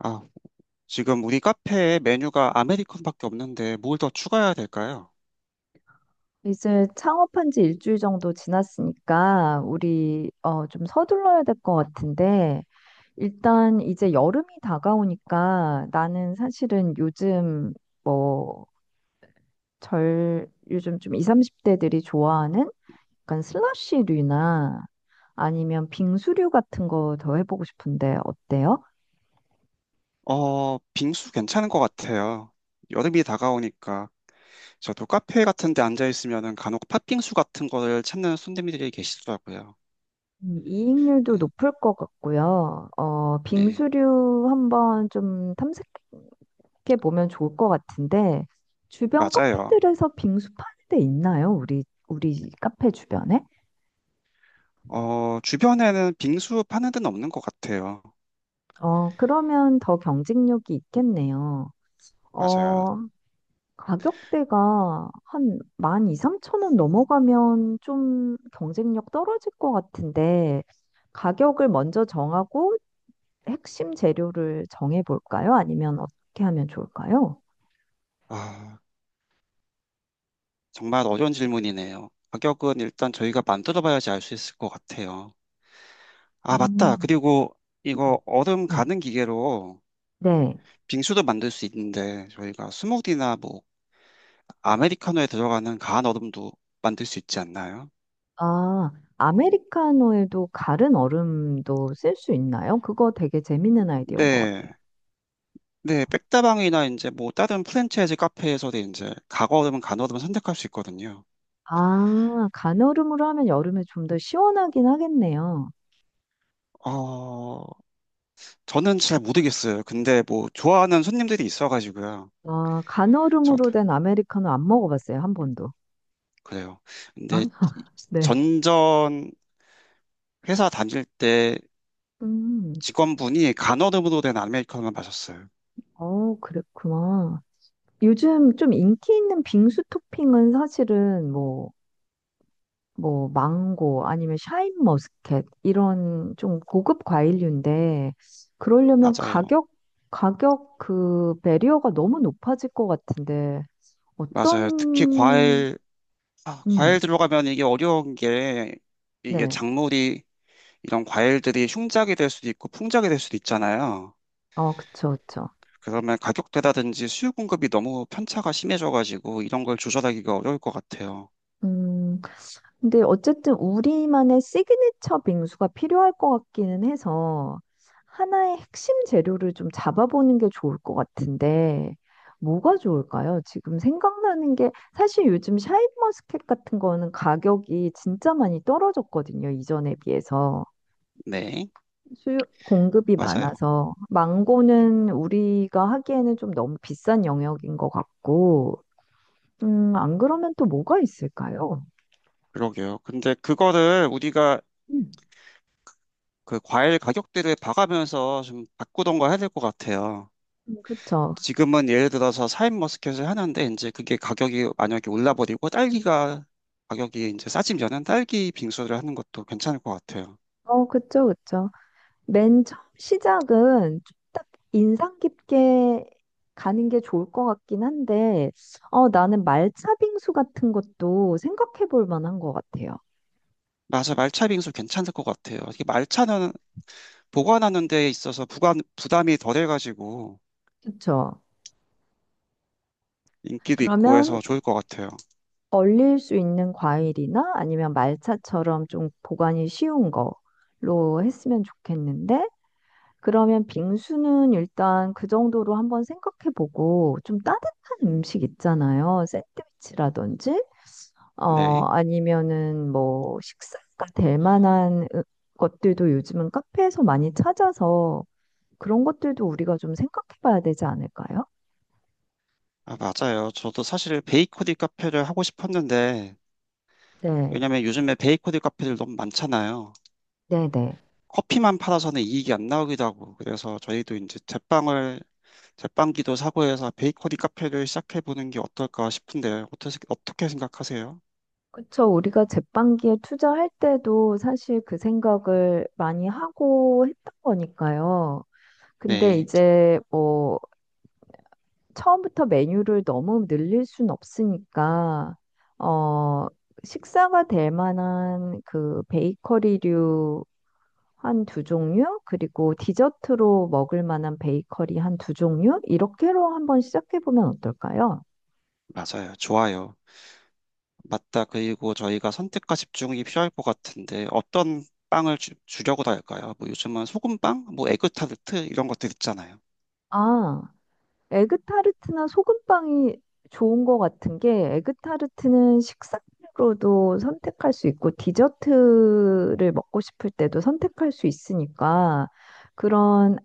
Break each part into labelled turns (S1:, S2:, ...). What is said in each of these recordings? S1: 아, 지금 우리 카페에 메뉴가 아메리칸밖에 없는데 뭘 더 추가해야 될까요?
S2: 이제 창업한 지 일주일 정도 지났으니까 우리 좀 서둘러야 될 것 같은데 일단 이제 여름이 다가오니까 나는 사실은 요즘 뭐 절 요즘 좀 20, 30대들이 좋아하는 약간 슬러시류나 아니면 빙수류 같은 거 더 해보고 싶은데 어때요?
S1: 어, 빙수 괜찮은 것 같아요. 여름이 다가오니까 저도 카페 같은 데 앉아 있으면은 간혹 팥빙수 같은 거를 찾는 손님들이 계시더라고요.
S2: 이익률도
S1: 네,
S2: 높을 것 같고요.
S1: 네,
S2: 빙수류 한번 좀 게 보면 좋을 것 같은데 주변
S1: 맞아요.
S2: 카페들에서 빙수 파는 데 있나요? 우리 카페 주변에?
S1: 어, 주변에는 빙수 파는 데는 없는 것 같아요.
S2: 어, 그러면 더 경쟁력이 있겠네요.
S1: 맞아요.
S2: 어, 가격대가 한 12,000원 넘어가면 좀 경쟁력 떨어질 것 같은데 가격을 먼저 정하고 핵심 재료를 정해 볼까요? 아니면 어떻게 하면 좋을까요?
S1: 아, 정말 어려운 질문이네요. 가격은 일단 저희가 만들어봐야지 알 수 있을 것 같아요. 아, 맞다.
S2: 음.
S1: 그리고 이거 얼음
S2: 네.
S1: 가는 기계로
S2: 네.
S1: 빙수도 만들 수 있는데 저희가 스무디나 뭐 아메리카노에 들어가는 가한 얼음도 만들 수 있지 않나요?
S2: 아, 아메리카노에도 가른 얼음도 쓸 수 있나요? 그거 되게 재밌는 아이디어인 것
S1: 네,
S2: 같아요.
S1: 네, 백다방이나 이제 뭐 다른 프랜차이즈 카페에서도 이제 가거얼음은 간얼음을 선택할 수 있거든요.
S2: 아, 간얼음으로 하면 여름에 좀 더 시원하긴 하겠네요.
S1: 어, 저는 잘 모르겠어요. 근데 뭐 좋아하는 손님들이 있어가지고요.
S2: 아,
S1: 저
S2: 간얼음으로 된 아메리카노 안 먹어봤어요, 한 번도.
S1: 그래요. 근데
S2: 아?
S1: 이-
S2: 네.
S1: 전전 회사 다닐 때
S2: 음,
S1: 직원분이 간얼음으로 된 아메리카노만 마셨어요.
S2: 그랬구나. 요즘 좀 인기 있는 빙수 토핑은 사실은 뭐 망고 아니면 샤인머스켓 이런 좀 고급 과일류인데 그러려면
S1: 맞아요.
S2: 가격 그 배리어가 너무 높아질 것 같은데
S1: 맞아요. 특히
S2: 어떤
S1: 과일. 아, 과일
S2: 음,
S1: 들어가면 이게 어려운 게, 이게
S2: 네.
S1: 작물이 이런 과일들이 흉작이 될 수도 있고 풍작이 될 수도 있잖아요.
S2: 어, 그쵸, 그쵸.
S1: 그러면 가격대라든지 수요 공급이 너무 편차가 심해져가지고 이런 걸 조절하기가 어려울 것 같아요.
S2: 음, 근데 어쨌든 우리만의 시그니처 빙수가 필요할 것 같기는 해서 하나의 핵심 재료를 좀 잡아보는 게 좋을 것 같은데 뭐가 좋을까요? 지금 생각나는 게 사실 요즘 샤인머스켓 같은 거는 가격이 진짜 많이 떨어졌거든요. 이전에 비해서.
S1: 네,
S2: 수요, 공급이
S1: 맞아요.
S2: 많아서. 망고는 우리가 하기에는 좀 너무 비싼 영역인 것 같고. 안 그러면 또 뭐가 있을까요?
S1: 그러게요. 근데 그거를 우리가
S2: 음,
S1: 그 과일 가격대를 봐가면서 좀 바꾸던가 해야 될 것 같아요.
S2: 그렇죠.
S1: 지금은 예를 들어서 사인 머스켓을 하는데 이제 그게 가격이 만약에 올라버리고 딸기가 가격이 이제 싸지면은 딸기 빙수를 하는 것도 괜찮을 것 같아요.
S2: 어, 그쵸, 그쵸. 맨 처음 시작은 좀 딱 인상 깊게 가는 게 좋을 것 같긴 한데, 나는 말차 빙수 같은 것도 생각해 볼 만한 것 같아요.
S1: 맞아, 말차 빙수 괜찮을 것 같아요. 이게 말차는 보관하는 데 있어서 부관, 부담이 덜해가지고
S2: 그쵸.
S1: 인기도 있고
S2: 그러면
S1: 해서 좋을 것 같아요.
S2: 얼릴 수 있는 과일이나 아니면 말차처럼 좀 보관이 쉬운 거로 했으면 좋겠는데, 그러면 빙수는 일단 그 정도로 한번 생각해 보고, 좀 따뜻한 음식 있잖아요. 샌드위치라든지. 어,
S1: 네.
S2: 아니면은 뭐 식사가 될 만한 것들도 요즘은 카페에서 많이 찾아서 그런 것들도 우리가 좀 생각해 봐야 되지 않을까요?
S1: 아, 맞아요. 저도 사실 베이커리 카페를 하고 싶었는데,
S2: 네,
S1: 왜냐면 요즘에 베이커리 카페들 너무 많잖아요.
S2: 네네.
S1: 커피만 팔아서는 이익이 안 나오기도 하고 그래서 저희도 이제 제빵을, 제빵기도 사고해서 베이커리 카페를 시작해보는 게 어떨까 싶은데 어떻게, 어떻게 생각하세요?
S2: 그쵸. 우리가 제빵기에 투자할 때도 사실 그 생각을 많이 하고 했던 거니까요. 근데
S1: 네,
S2: 이제 뭐 처음부터 메뉴를 너무 늘릴 순 없으니까, 어, 식사가 될 만한 그 베이커리류 한 두 종류, 그리고 디저트로 먹을 만한 베이커리 한 두 종류, 이렇게로 한번 시작해 보면 어떨까요?
S1: 맞아요. 좋아요. 맞다. 그리고 저희가 선택과 집중이 필요할 것 같은데 어떤 빵을 주려고 할까요? 뭐 요즘은 소금빵, 뭐 에그타르트 이런 것들 있잖아요.
S2: 아, 에그타르트나 소금빵이 좋은 것 같은 게 에그타르트는 식사로도 선택할 수 있고 디저트를 먹고 싶을 때도 선택할 수 있으니까 그런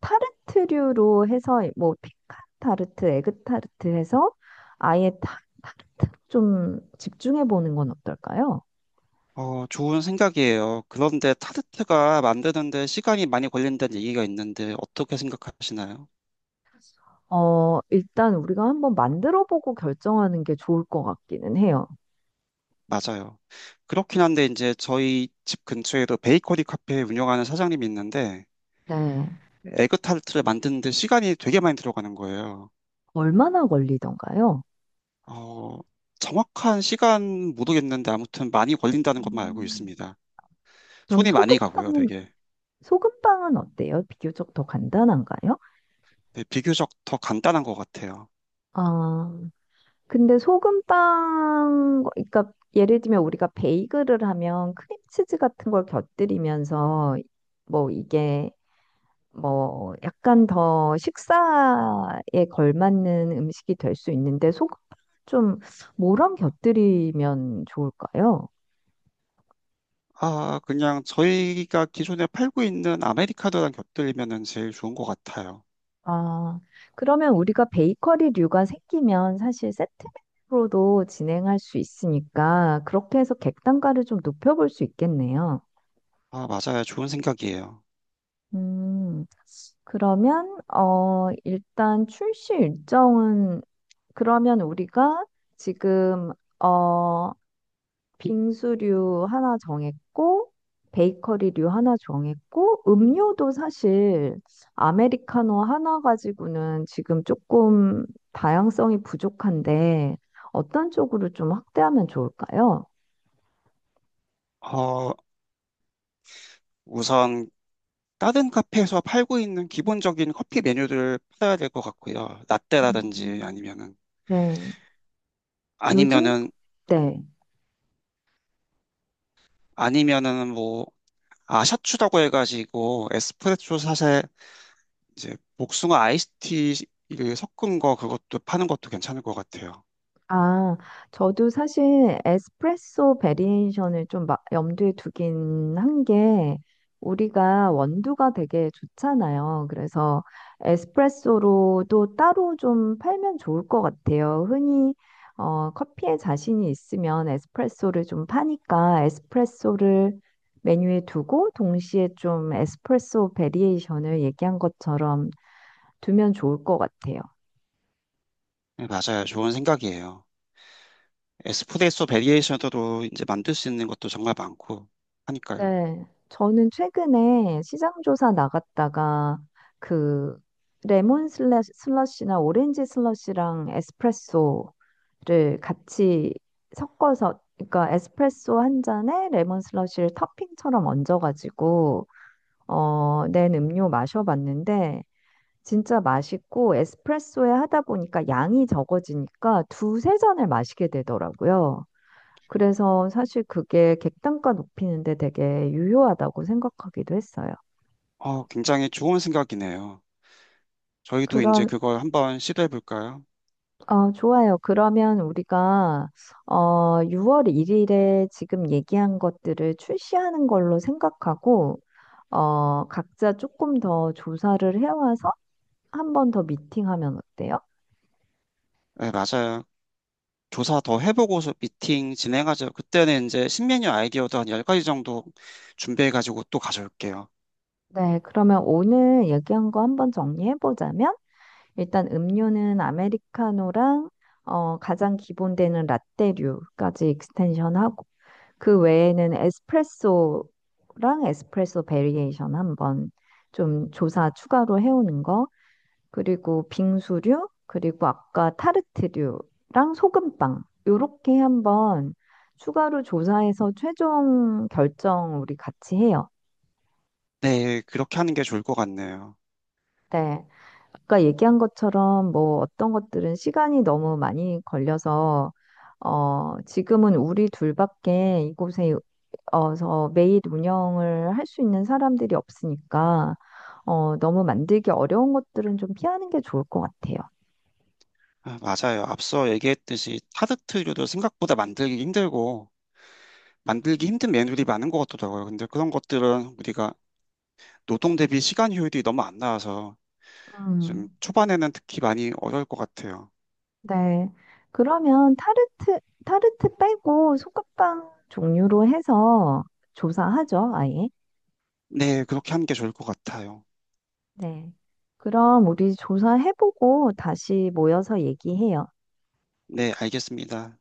S2: 타르트류로 해서 뭐 피칸 타르트, 에그타르트 해서 아예 타르트 좀 집중해 보는 건 어떨까요?
S1: 어, 좋은 생각이에요. 그런데 타르트가 만드는데 시간이 많이 걸린다는 얘기가 있는데 어떻게 생각하시나요?
S2: 일단 우리가 한번 만들어 보고 결정하는 게 좋을 것 같기는 해요.
S1: 맞아요. 그렇긴 한데 이제 저희 집 근처에도 베이커리 카페 운영하는 사장님이 있는데
S2: 네.
S1: 에그 타르트를 만드는데 시간이 되게 많이 들어가는 거예요.
S2: 얼마나 걸리던가요?
S1: 어, 정확한 시간 모르겠는데 아무튼 많이 걸린다는 것만 알고
S2: 음.
S1: 있습니다.
S2: 그럼
S1: 손이 많이 가고요,
S2: 소금빵은,
S1: 되게.
S2: 소금빵은 어때요? 비교적 더 간단한가요?
S1: 네, 비교적 더 간단한 것 같아요.
S2: 아, 근데 소금빵, 그러니까 예를 들면 우리가 베이글을 하면 크림치즈 같은 걸 곁들이면서 뭐 이게 뭐 약간 더 식사에 걸맞는 음식이 될 수 있는데 소금 좀 뭐랑 곁들이면 좋을까요?
S1: 아, 그냥 저희가 기존에 팔고 있는 아메리카노랑 곁들이면은 제일 좋은 것 같아요.
S2: 아, 그러면 우리가 베이커리류가 생기면 사실 세트로도 진행할 수 있으니까 그렇게 해서 객단가를 좀 높여볼 수 있겠네요.
S1: 아, 맞아요. 좋은 생각이에요.
S2: 음, 그러면 일단 출시 일정은 그러면 우리가 지금 어 빙수류 하나 정했고, 베이커리류 하나 정했고, 음료도 사실 아메리카노 하나 가지고는 지금 조금 다양성이 부족한데, 어떤 쪽으로 좀 확대하면 좋을까요?
S1: 어, 우선 다른 카페에서 팔고 있는 기본적인 커피 메뉴들을 팔아야 될 것 같고요. 라떼라든지
S2: 음. 네. 요즘,
S1: 아니면은
S2: 네.
S1: 아니면은 뭐, 아, 샤추라고 해가지고 에스프레소 샷에 이제 복숭아 아이스티를 섞은 거, 그것도 파는 것도 괜찮을 것 같아요.
S2: 아, 저도 사실 에스프레소 베리에이션을 좀 염두에 두긴 한 게, 우리가 원두가 되게 좋잖아요. 그래서 에스프레소로도 따로 좀 팔면 좋을 것 같아요. 흔히 커피에 자신이 있으면 에스프레소를 좀 파니까 에스프레소를 메뉴에 두고 동시에 좀 에스프레소 베리에이션을 얘기한 것처럼 두면 좋을 것 같아요.
S1: 네, 맞아요. 좋은 생각이에요. 에스프레소 베리에이션으로 이제 만들 수 있는 것도 정말 많고 하니까요.
S2: 네, 저는 최근에 시장조사 나갔다가 그 레몬 슬러시나 오렌지 슬러시랑 에스프레소를 같이 섞어서, 그러니까 에스프레소 한 잔에 레몬 슬러시를 토핑처럼 얹어가지고 낸 음료 마셔봤는데 진짜 맛있고 에스프레소에 하다 보니까 양이 적어지니까 두세 잔을 마시게 되더라고요. 그래서 사실 그게 객단가 높이는데 되게 유효하다고 생각하기도 했어요.
S1: 어, 굉장히 좋은 생각이네요. 저희도 이제
S2: 그럼,
S1: 그걸 한번 시도해 볼까요?
S2: 좋아요. 그러면 우리가, 6월 1일에 지금 얘기한 것들을 출시하는 걸로 생각하고, 각자 조금 더 조사를 해와서 한 번 더 미팅하면 어때요?
S1: 네, 맞아요. 조사 더 해보고서 미팅 진행하죠. 그때는 이제 신메뉴 아이디어도 한 10가지 정도 준비해가지고 또 가져올게요.
S2: 네, 그러면 오늘 얘기한 거 한번 정리해보자면, 일단 음료는 아메리카노랑, 가장 기본 되는 라떼류까지 익스텐션하고, 그 외에는 에스프레소랑 에스프레소 베리에이션 한번 좀 조사 추가로 해오는 거, 그리고 빙수류, 그리고 아까 타르트류랑 소금빵, 요렇게 한번 추가로 조사해서 최종 결정 우리 같이 해요.
S1: 네, 그렇게 하는 게 좋을 것 같네요.
S2: 네. 아까 얘기한 것처럼 뭐 어떤 것들은 시간이 너무 많이 걸려서 지금은 우리 둘밖에 이곳에 어서 매일 운영을 할 수 있는 사람들이 없으니까 너무 만들기 어려운 것들은 좀 피하는 게 좋을 것 같아요.
S1: 아, 맞아요. 앞서 얘기했듯이 타르트류도 생각보다 만들기 힘들고 만들기 힘든 메뉴들이 많은 것 같더라고요. 근데 그런 것들은 우리가 노동 대비 시간 효율이 너무 안 나와서 좀
S2: 음,
S1: 초반에는 특히 많이 어려울 것 같아요.
S2: 네. 그러면 타르트 빼고 소금빵 종류로 해서 조사하죠, 아예.
S1: 네, 그렇게 하는 게 좋을 것 같아요.
S2: 네. 그럼 우리 조사해보고 다시 모여서 얘기해요.
S1: 네, 알겠습니다.